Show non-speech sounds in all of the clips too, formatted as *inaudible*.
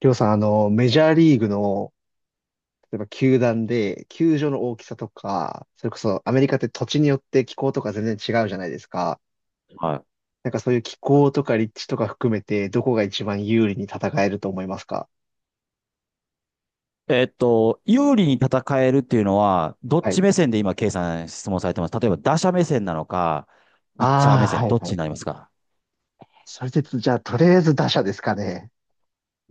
りょうさん、メジャーリーグの、例えば球団で、球場の大きさとか、それこそアメリカって土地によって気候とか全然違うじゃないですか。はなんかそういう気候とか立地とか含めて、どこが一番有利に戦えると思いますか？い。有利に戦えるっていうのは、どっはい。ち目線で今、ケイさん質問されてます？例えば、打者目線なのか、ピッチャー目ああ、線、はいどっちはにい。なりますか？それで、じゃあ、とりあえず打者ですかね。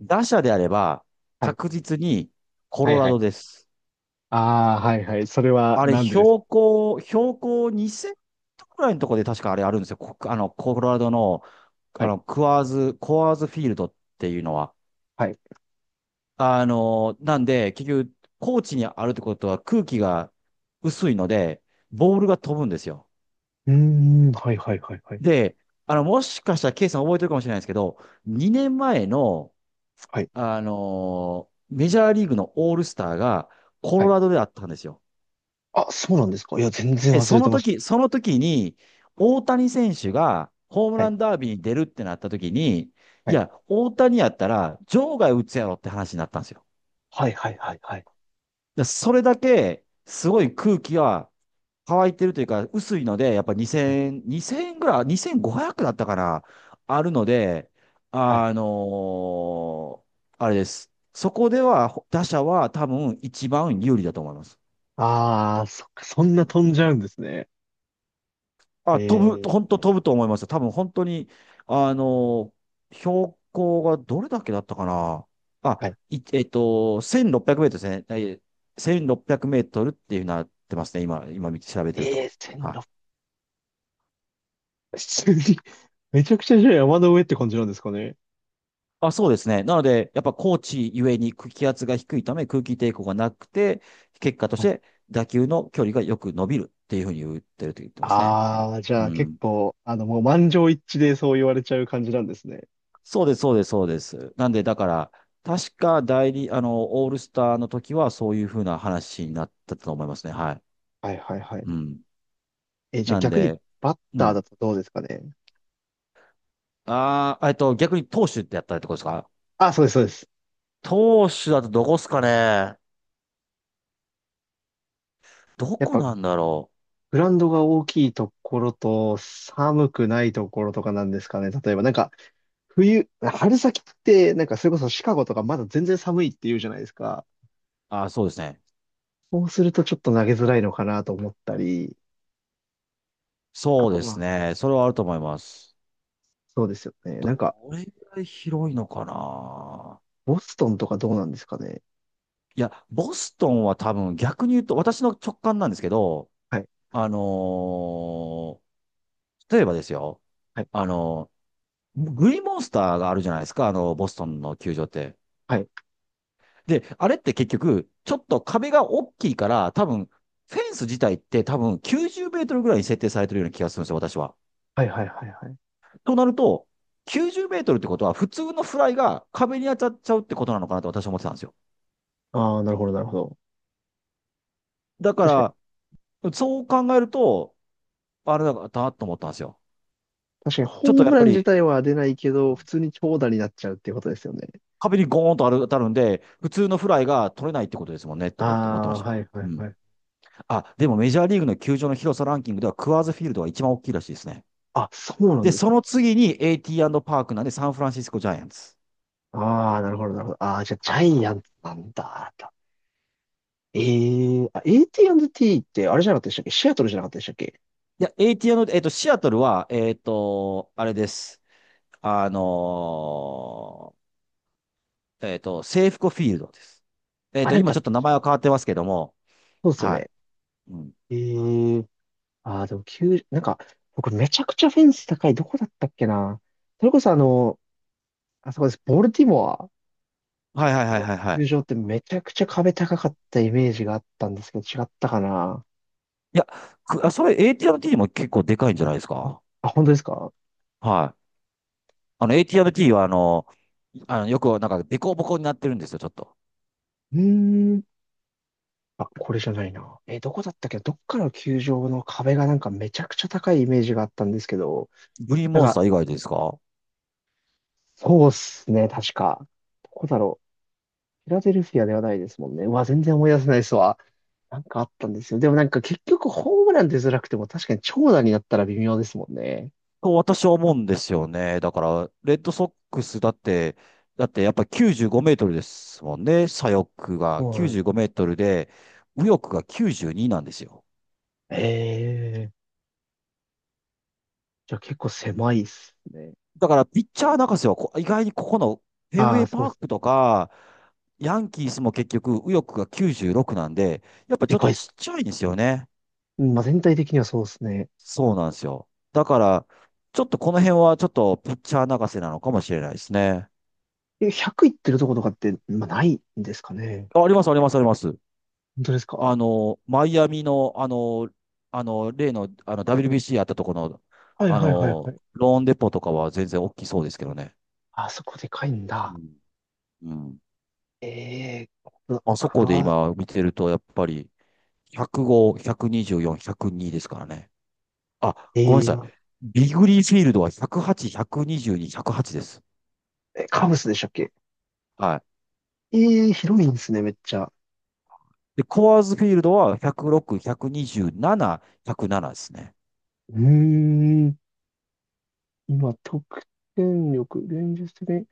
打者であれば、はい。確実にコはロいラはい。ドです。ああ、はいはい。それはあれ、なんでですか？標高2000くらいのところで確かあれあるんですよ。こあの、コロラドの、はい。クワーズ、コアーズフィールドっていうのは。はい。なんで、結局、高地にあるってことは空気が薄いので、ボールが飛ぶんですよ。うーん、はいはいはいはい。で、もしかしたらケイさん覚えてるかもしれないですけど、2年前の、はい。メジャーリーグのオールスターがコはロい。ラドであったんですよ。あ、そうなんですか？いや、全然で、忘れてましその時に、大谷選手がホームた。はラい。ンダービーに出るってなった時に、はいい。や、大谷やったら場外打つやろって話になったんですよ。はいはいはいはい。でそれだけ、すごい空気は乾いてるというか、薄いので、やっぱはい2000、2000円ぐらい、2500だったかな、あるので、はい。あのーあれです。そこでは、打者は多分一番有利だと思います。ああ、そっか、そんうなん。飛んじゃうんですね。あ、ええ、本当飛ぶと思います。多分本当に、あのー標高がどれだけだったかな。あ、はい。いえっと、1600メートルですね。1600メートルっていうなってますね。今見て調べてるええ、と。は1600、い。普通に *laughs* めちゃくちゃじゃあ山の上って感じなんですかね。あ、そうですね。なので、やっぱ高地ゆえに空気圧が低いため空気抵抗がなくて、結果としはい。て打球の距離がよく伸びるっていうふうに言ってると言ってますね。ああ、じゃうあ結ん。構、もう満場一致でそう言われちゃう感じなんですね。そうです、そうです、そうです。なんで、だから、確かオールスターの時はそういうふうな話になったと思いますね。はい。はいはいはうい。ん。え、じゃあなん逆にで、バッうターん。だとどうですかね？ああ、逆に投手ってやったりってことですか？あ、そうです、そうです。投手だとどこっすかね？どやっこぱ、なんだろグラウンドが大きいところと、寒くないところとかなんですかね。例えばなんか、冬、春先って、なんかそれこそシカゴとかまだ全然寒いって言うじゃないですか。う。ああ、そうですね。そうするとちょっと投げづらいのかなと思ったり、あそうとでますあ、ね。それはあると思います。そうですよね。なんか、これぐらい広いのかな。ボストンとかどうなんですかね？いや、ボストンは多分逆に言うと、私の直感なんですけど、はい、あのー例えばですよ、はい、あのグリーンモンスターがあるじゃないですか、ボストンの球場って。はい、で、あれって結局、ちょっと壁が大きいから、多分、フェンス自体って多分90メートルぐらいに設定されてるような気がするんですよ、私は。はい、はい、はいはい。となると、90メートルってことは、普通のフライが壁に当たっちゃうってことなのかなと私は思ってたんですよ。ああ、なるほど、なるほど。だ確かに、から、そう考えると、あれだなと思ったんですよ。確かにちょっホとーやムっラぱン自り、体は出ないけうど、普ん通に長打になっちゃうっていうことですよね。壁にゴーンと当たるんで、普通のフライが取れないってことですもんね、あと思って、思ってまあ、した。はい、はうい、はん。い。あ、でもメジャーリーグの球場の広さランキングでは、クアーズフィールドが一番大きいらしいですね。あ、そうなんで、ですそね。の次に AT& パークなんで、サンフランシスコジャイアンツ。ああ、なるほど、なるほど。ああ、じゃあ、ジはャい。イアンツなんだ。ええ、あ、AT&T ってあれじゃなかったでしたっけ？シアトルじゃなかったでしたっけ？いや、AT&、シアトルは、あれです。あの制服フコフィールドです。あ、なん今か、ちょっと名前は変わってますけども、そうですよはい。ね。うん。ええ。ああ、でも9、なんか、僕めちゃくちゃフェンス高い。どこだったっけな。それこそあそこです。ボルティモアはいはいはいのはいは球い。場ってめちゃくちゃ壁高かったイメージがあったんですけど、違ったかな。いや、それ AT&T も結構でかいんじゃないですか？あ、本当ですか？はい。あの AT&T はよくなんかデコボコになってるんですよ、ちょっと。うーん。あ、これじゃないな。え、どこだったっけ？どっかの球場の壁がなんかめちゃくちゃ高いイメージがあったんですけど、グリーンなんモンスか、ター以外ですか？そうっすね、確か。どこだろ？フィラデルフィアではないですもんね。うわ、全然思い出せないですわ。なんかあったんですよ。でもなんか結局ホームラン出づらくても確かに長打になったら微妙ですもんね。と私は思うんですよね。だから、レッドソックスだって、だってやっぱ95メートルですもんね。左翼がそうな95んだ。メートルで、右翼が92なんですよ。ええ、じゃあ結構狭いっすね。だから、ピッチャー泣かせは意外にここのフェンウあェあ、イそうっパーす。クとか、ヤンキースも結局、右翼が96なんで、やっぱちでょっかといっちす。っちゃいんですよね。うん、まあ全体的にはそうっすね。そうなんですよ。だから、ちょっとこの辺はちょっとピッチャー泣かせなのかもしれないですね。え、100いってるとことかって、まあないんですかね？あ、あります、あります、あります。本当ですか？はマイアミの、例の、WBC あったところの、いはいはいはい。ローンデポとかは全然大きそうですけどね。あそこでかいんうだ。ん。うん。ええー、あそこで今見てると、やっぱり、105、124、102ですからね。あ、えごめんなさい。ービグリーフィールドは108、122、108です。え、カブスでしたっけ？はい。ええー、広いんですね、めっちゃ。で、コアーズフィールドは106、127、107ですね。うーん。今、得点力、現実的に。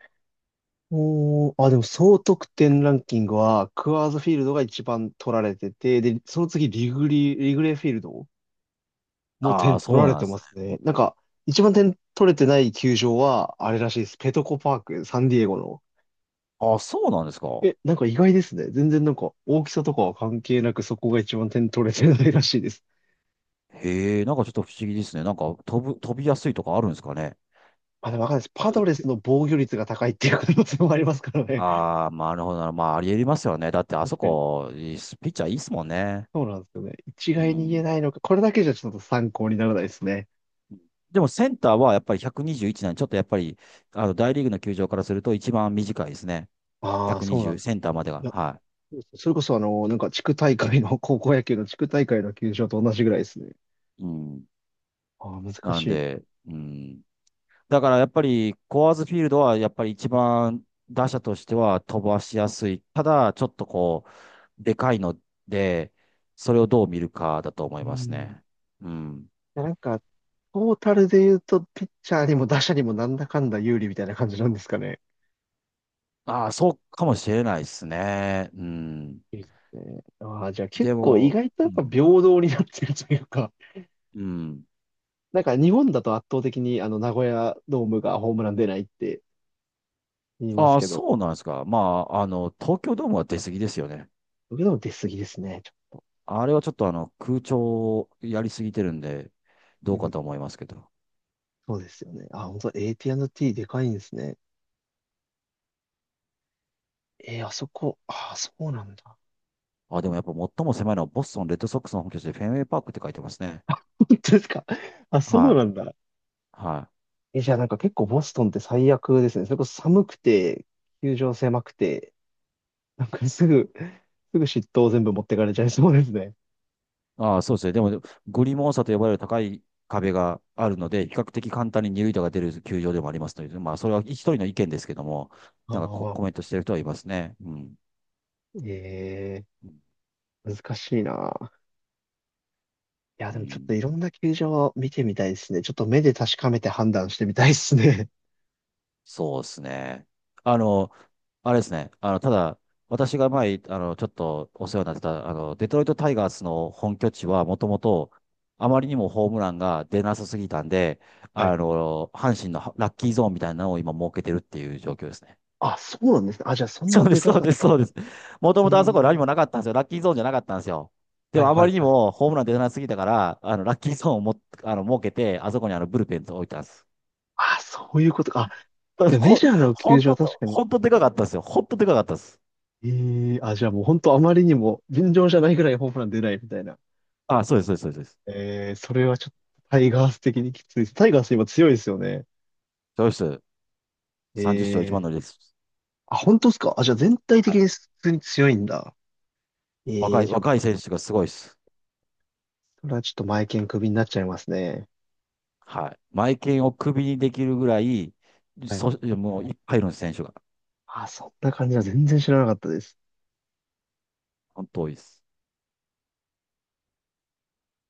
おー、あ、でも総得点ランキングは、クワーズフィールドが一番取られてて、で、その次、リグレーフィールド、もうあ点あ、取そらうれなんでてすまね。すね。なんか、一番点取れてない球場は、あれらしいです。ペトコパーク、サンディエゴの。ああ、そうなんですか。え、なんか意外ですね。全然なんか、大きさとかは関係なく、そこが一番点取れてないらしいです。へえ、なんかちょっと不思議ですね。なんか飛びやすいとかあるんですかね？まあ、でもわかんないです。パドレスの防御率が高いっていう可能性もありますからね。ああー、まあなるほどな。まあ、ありえますよね。だって、あそ確かに。こ、ピッチャーいいっすもんね。そうなんですよね。一う概に言えん。ないのか。これだけじゃちょっと参考にならないですね。でもセンターはやっぱり121なんで、ちょっとやっぱり、大リーグの球場からすると一番短いですね。ああ、そうなん120、です。センターまでいが。や、はそうです。それこそなんか地区大会の、高校野球の地区大会の球場と同じぐらいですね。い。うん。ああ、難なんしいな。で、うん。だからやっぱり、コアーズフィールドはやっぱり一番打者としては飛ばしやすい。ただ、ちょっとこう、でかいので、それをどう見るかだと思ういますん。ね。いうん。や、なんか、トータルで言うと、ピッチャーにも打者にもなんだかんだ有利みたいな感じなんですかね。ああ、そうかもしれないですね。うん。いいですね。ああ、じゃあ結で構意も、外とやうっぱん。平等になってるというか、うん。なんか日本だと圧倒的にあの名古屋ドームがホームラン出ないって言いますああ、けど、そうなんですか。まあ、東京ドームは出過ぎですよね。僕でも出過ぎですね。ちょあれはちょっと空調をやりすぎてるんで、っどと、ううかん、と思いますけど。そうですよね。あ、本当 AT&T でかいんですね。あそこ、あ、そうなんだ。あ、でもやっぱ最も狭いのはボストンレッドソックスの本拠地でフェンウェイパークって書いてますね。*laughs* 本当ですか。あ、そうはなんだ。い。はい。え、じゃあなんか結構ボストンって最悪ですね。それこそ寒くて、球場狭くて、なんか *laughs* すぐ嫉妬を全部持ってかれちゃいそうですね。ああ、そうですね。でも、グリモン差と呼ばれる高い壁があるので、比較的簡単に二塁打が出る球場でもありますので、まあ、それは一人の意見ですけども、あ、なんかまあまあコまメあ。ントしてる人はいますね。うん。え難しいな。いや、うでもちょっん。といろんな球場を見てみたいですね。ちょっと目で確かめて判断してみたいですね。そうですね。あの、あれですね。ただ、私が前、ちょっとお世話になってた、デトロイトタイガースの本拠地は、もともと、あまりにもホームランが出なさすぎたんで、*laughs* はい。阪神のラッキーゾーンみたいなのを今設けてるっていう状況ですね。あ、そうなんですね。あ、じゃあそ *laughs* んそなうでです、かそうかっです、たんでそうすでね。す。もともとあえそこ何もー、なかったんですよ。ラッキーゾーンじゃなかったんですよ。ではいもあはまいりにはい。もホームラン出なすぎたから、ラッキーゾーンをも、設けて、あそこにブルペンと置いたんです。あ、そういうことか。あ、で *laughs* メほんジャーのほ球ん場は確と、かに。ほんとでかかったですよ。ほんとでかかったです。ええ、あ、じゃあもう本当あまりにも尋常じゃないぐらいホームラン出ないみたいな。あ、そうです、そうです、そうです。ええ、それはちょっとタイガース的にきついです。タイガース今強いですよね。そうです。え30勝一番乗え、りです。あ、本当ですか？あ、じゃあ全体的に普通に強いんだ。え若え、い、じゃあ、若い選手がすごいです。それはちょっと前剣クビになっちゃいますね。はい。マイケンをクビにできるぐらい、はい。そ、もういっぱいいるんです、選手が。あ、そんな感じは全然知らなかったです。本当多いです。